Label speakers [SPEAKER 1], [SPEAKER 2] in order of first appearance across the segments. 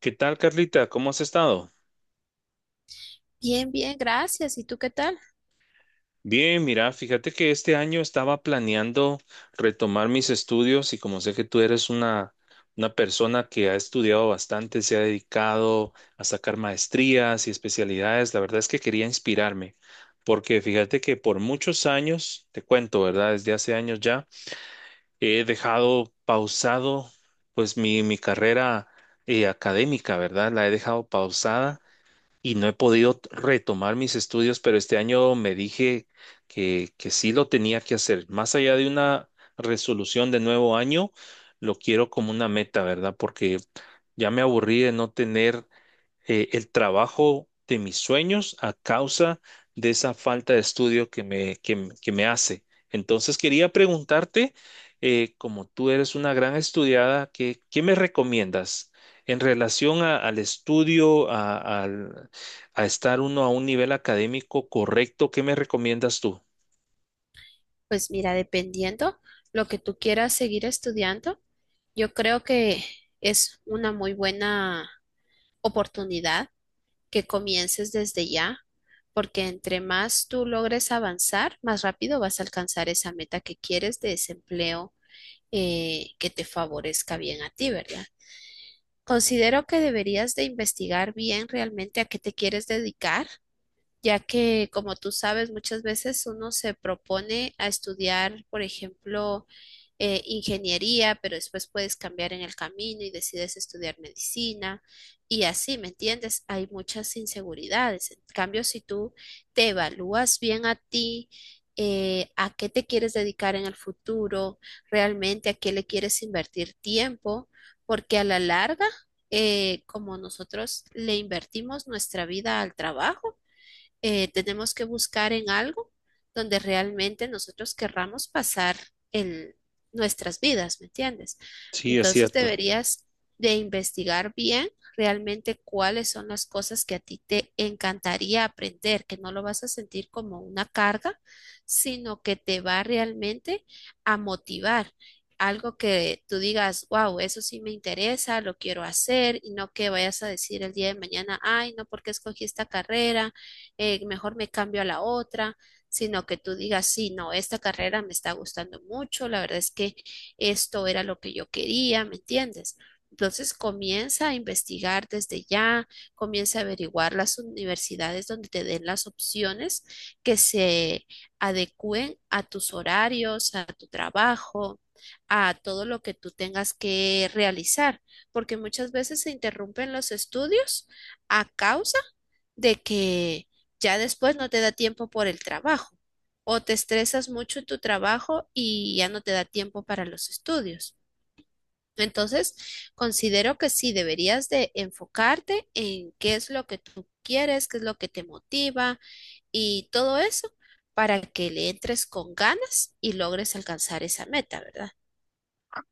[SPEAKER 1] ¿Qué tal, Carlita? ¿Cómo has estado?
[SPEAKER 2] Bien, bien, gracias. ¿Y tú qué tal?
[SPEAKER 1] Bien, mira, fíjate que este año estaba planeando retomar mis estudios y como sé que tú eres una persona que ha estudiado bastante, se ha dedicado a sacar maestrías y especialidades, la verdad es que quería inspirarme, porque fíjate que por muchos años, te cuento, ¿verdad? Desde hace años ya, he dejado pausado pues mi carrera académica, ¿verdad? La he dejado pausada y no he podido retomar mis estudios, pero este año me dije que sí lo tenía que hacer. Más allá de una resolución de nuevo año, lo quiero como una meta, ¿verdad? Porque ya me aburrí de no tener el trabajo de mis sueños a causa de esa falta de estudio que me hace. Entonces quería preguntarte, como tú eres una gran estudiada, ¿qué me recomiendas en relación al estudio, a estar uno a un nivel académico correcto? ¿Qué me recomiendas tú?
[SPEAKER 2] Pues mira, dependiendo lo que tú quieras seguir estudiando, yo creo que es una muy buena oportunidad que comiences desde ya, porque entre más tú logres avanzar, más rápido vas a alcanzar esa meta que quieres de ese empleo que te favorezca bien a ti, ¿verdad? Considero que deberías de investigar bien realmente a qué te quieres dedicar ya que, como tú sabes, muchas veces uno se propone a estudiar, por ejemplo, ingeniería, pero después puedes cambiar en el camino y decides estudiar medicina y así, ¿me entiendes? Hay muchas inseguridades. En cambio, si tú te evalúas bien a ti, a qué te quieres dedicar en el futuro, realmente a qué le quieres invertir tiempo, porque a la larga, como nosotros le invertimos nuestra vida al trabajo, tenemos que buscar en algo donde realmente nosotros querramos pasar el, nuestras vidas, ¿me entiendes?
[SPEAKER 1] Sí, es
[SPEAKER 2] Entonces
[SPEAKER 1] cierto.
[SPEAKER 2] deberías de investigar bien realmente cuáles son las cosas que a ti te encantaría aprender, que no lo vas a sentir como una carga, sino que te va realmente a motivar. Algo que tú digas, wow, eso sí me interesa, lo quiero hacer, y no que vayas a decir el día de mañana, ay, no, porque escogí esta carrera, mejor me cambio a la otra, sino que tú digas, sí, no, esta carrera me está gustando mucho, la verdad es que esto era lo que yo quería, ¿me entiendes? Entonces comienza a investigar desde ya, comienza a averiguar las universidades donde te den las opciones que se adecúen a tus horarios, a tu trabajo, a todo lo que tú tengas que realizar, porque muchas veces se interrumpen los estudios a causa de que ya después no te da tiempo por el trabajo o te estresas mucho en tu trabajo y ya no te da tiempo para los estudios. Entonces, considero que sí deberías de enfocarte en qué es lo que tú quieres, qué es lo que te motiva y todo eso para que le entres con ganas y logres alcanzar esa meta, ¿verdad?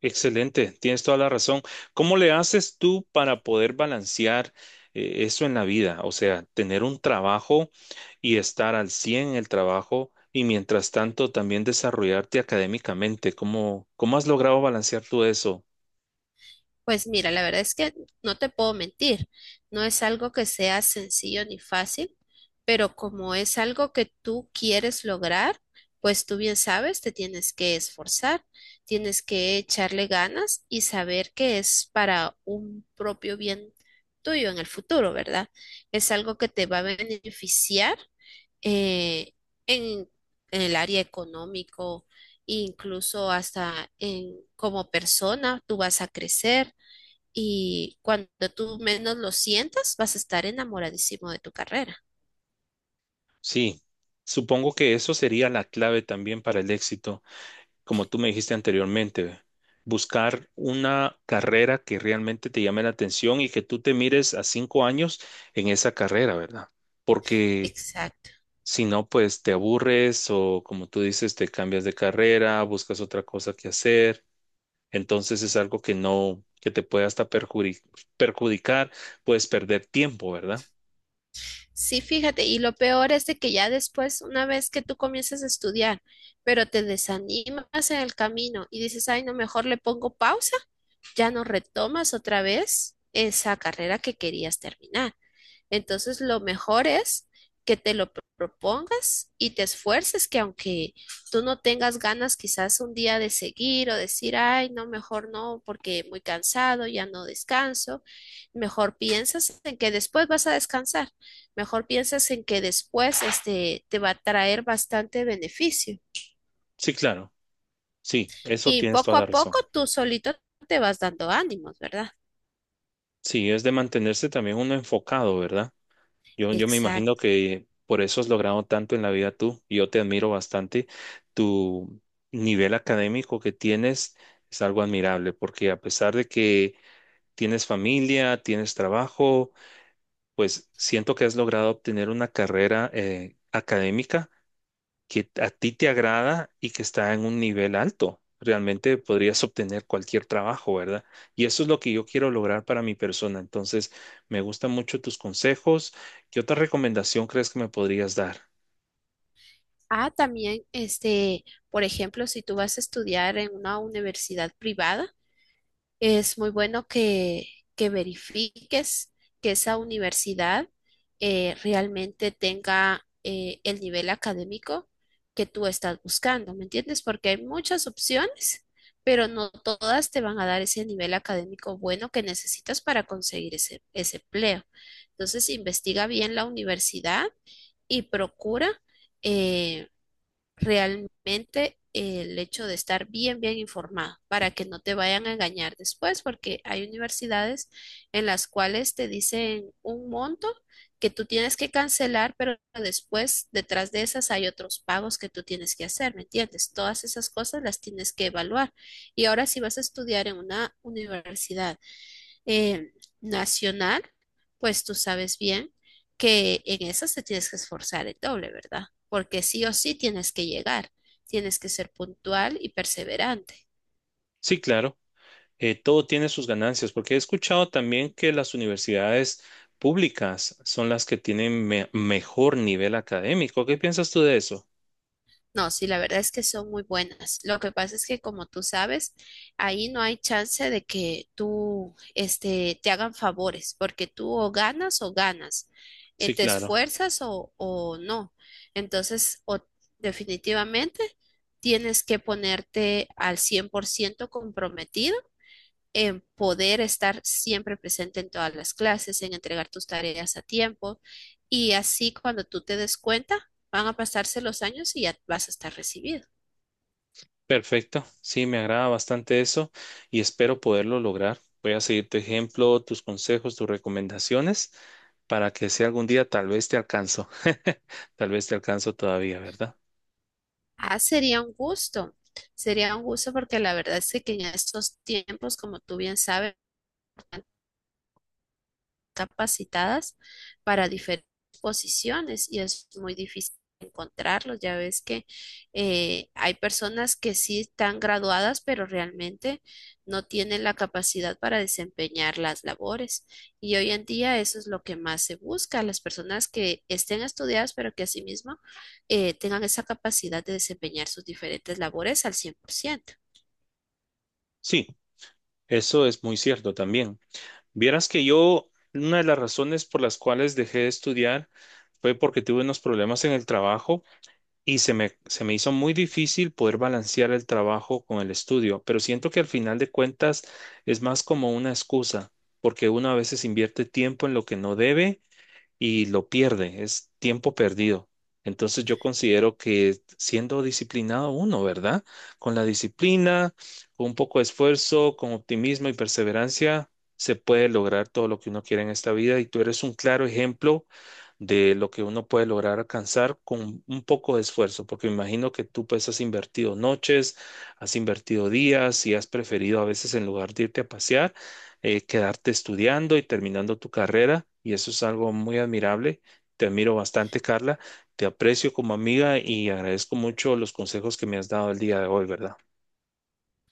[SPEAKER 1] Excelente, tienes toda la razón. ¿Cómo le haces tú para poder balancear eso en la vida? O sea, tener un trabajo y estar al 100 en el trabajo y mientras tanto también desarrollarte académicamente. ¿Cómo has logrado balancear tú eso?
[SPEAKER 2] Pues mira, la verdad es que no te puedo mentir, no es algo que sea sencillo ni fácil, pero como es algo que tú quieres lograr, pues tú bien sabes, te tienes que esforzar, tienes que echarle ganas y saber que es para un propio bien tuyo en el futuro, ¿verdad? Es algo que te va a beneficiar eh, en, en el área económico, incluso hasta en como persona, tú vas a crecer y cuando tú menos lo sientas, vas a estar enamoradísimo de tu carrera.
[SPEAKER 1] Sí, supongo que eso sería la clave también para el éxito, como tú me dijiste anteriormente. Buscar una carrera que realmente te llame la atención y que tú te mires a 5 años en esa carrera, ¿verdad? Porque
[SPEAKER 2] Exacto.
[SPEAKER 1] si no, pues te aburres o como tú dices, te cambias de carrera, buscas otra cosa que hacer. Entonces es algo que no, que te puede hasta perjudicar, puedes perder tiempo, ¿verdad?
[SPEAKER 2] Sí, fíjate, y lo peor es de que ya después, una vez que tú comienzas a estudiar, pero te desanimas en el camino y dices, ay, no, mejor le pongo pausa, ya no retomas otra vez esa carrera que querías terminar. Entonces, lo mejor es que te lo propongas y te esfuerces, que aunque tú no tengas ganas quizás un día de seguir o decir, ay, no, mejor no, porque muy cansado, ya no descanso, mejor piensas en que después vas a descansar, mejor piensas en que después este te va a traer bastante beneficio.
[SPEAKER 1] Sí, claro. Sí, eso
[SPEAKER 2] Y
[SPEAKER 1] tienes toda
[SPEAKER 2] poco
[SPEAKER 1] la
[SPEAKER 2] a poco
[SPEAKER 1] razón.
[SPEAKER 2] tú solito te vas dando ánimos, ¿verdad?
[SPEAKER 1] Sí, es de mantenerse también uno enfocado, ¿verdad? Yo me imagino
[SPEAKER 2] Exacto.
[SPEAKER 1] que por eso has logrado tanto en la vida tú. Yo te admiro bastante. Tu nivel académico que tienes es algo admirable, porque a pesar de que tienes familia, tienes trabajo, pues siento que has logrado obtener una carrera académica que a ti te agrada y que está en un nivel alto. Realmente podrías obtener cualquier trabajo, ¿verdad? Y eso es lo que yo quiero lograr para mi persona. Entonces, me gustan mucho tus consejos. ¿Qué otra recomendación crees que me podrías dar?
[SPEAKER 2] Ah, también, este, por ejemplo, si tú vas a estudiar en una universidad privada, es muy bueno que verifiques que esa universidad realmente tenga el nivel académico que tú estás buscando, ¿me entiendes? Porque hay muchas opciones, pero no todas te van a dar ese nivel académico bueno que necesitas para conseguir ese empleo. Entonces, investiga bien la universidad y procura. eh, realmente el hecho de estar bien, bien informado para que no te vayan a engañar después, porque hay universidades en las cuales te dicen un monto que tú tienes que cancelar, pero después detrás de esas hay otros pagos que tú tienes que hacer, ¿me entiendes? Todas esas cosas las tienes que evaluar. Y ahora si vas a estudiar en una universidad eh, nacional, pues tú sabes bien que en esas te tienes que esforzar el doble, ¿verdad? Porque sí o sí tienes que llegar, tienes que ser puntual y perseverante.
[SPEAKER 1] Sí, claro. Todo tiene sus ganancias, porque he escuchado también que las universidades públicas son las que tienen mejor nivel académico. ¿Qué piensas tú de eso?
[SPEAKER 2] No, sí, la verdad es que son muy buenas. Lo que pasa es que, como tú sabes, ahí no hay chance de que tú, este, te hagan favores, porque tú o ganas,
[SPEAKER 1] Sí,
[SPEAKER 2] te
[SPEAKER 1] claro.
[SPEAKER 2] esfuerzas o no. Entonces, o definitivamente tienes que ponerte al 100% comprometida en poder estar siempre presente en todas las clases, en entregar tus tareas a tiempo y así cuando tú te des cuenta, van a pasarse los años y ya vas a estar recibido.
[SPEAKER 1] Perfecto. Sí, me agrada bastante eso y espero poderlo lograr. Voy a seguir tu ejemplo, tus consejos, tus recomendaciones para que si algún día tal vez te alcanzo. Tal vez te alcanzo todavía, ¿verdad?
[SPEAKER 2] Ah, sería un gusto porque la verdad es que en estos tiempos, como tú bien sabes, capacitadas para diferentes posiciones y es muy difícil encontrarlos. Ya ves que hay personas que sí están graduadas, pero realmente no tienen la capacidad para desempeñar las labores. Y hoy en día eso es lo que más se busca, las personas que estén estudiadas, pero que asimismo tengan esa capacidad de desempeñar sus diferentes labores al 100%.
[SPEAKER 1] Sí, eso es muy cierto también. Vieras que yo, una de las razones por las cuales dejé de estudiar fue porque tuve unos problemas en el trabajo y se me hizo muy difícil poder balancear el trabajo con el estudio, pero siento que al final de cuentas es más como una excusa, porque uno a veces invierte tiempo en lo que no debe y lo pierde, es tiempo perdido. Entonces yo considero que siendo disciplinado uno, ¿verdad? Con la disciplina, con un poco de esfuerzo, con optimismo y perseverancia, se puede lograr todo lo que uno quiere en esta vida y tú eres un claro ejemplo de lo que uno puede lograr alcanzar con un poco de esfuerzo, porque me imagino que tú pues has invertido noches, has invertido días y has preferido a veces en lugar de irte a pasear quedarte estudiando y terminando tu carrera, y eso es algo muy admirable. Te admiro bastante, Carla. Te aprecio como amiga y agradezco mucho los consejos que me has dado el día de hoy, ¿verdad?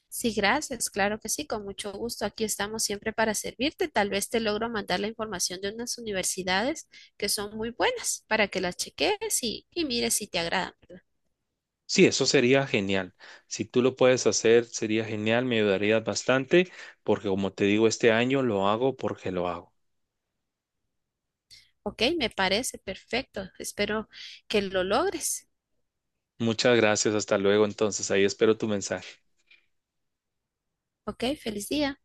[SPEAKER 2] Sí, gracias, claro que sí, con mucho gusto. Aquí estamos siempre para servirte. Tal vez te logro mandar la información de unas universidades que son muy buenas para que las cheques y mires si te agradan. ¿Verdad?
[SPEAKER 1] Sí, eso sería genial. Si tú lo puedes hacer, sería genial, me ayudarías bastante, porque como te digo, este año lo hago porque lo hago.
[SPEAKER 2] Ok, me parece perfecto. Espero que lo logres.
[SPEAKER 1] Muchas gracias, hasta luego entonces, ahí espero tu mensaje.
[SPEAKER 2] Ok, feliz día.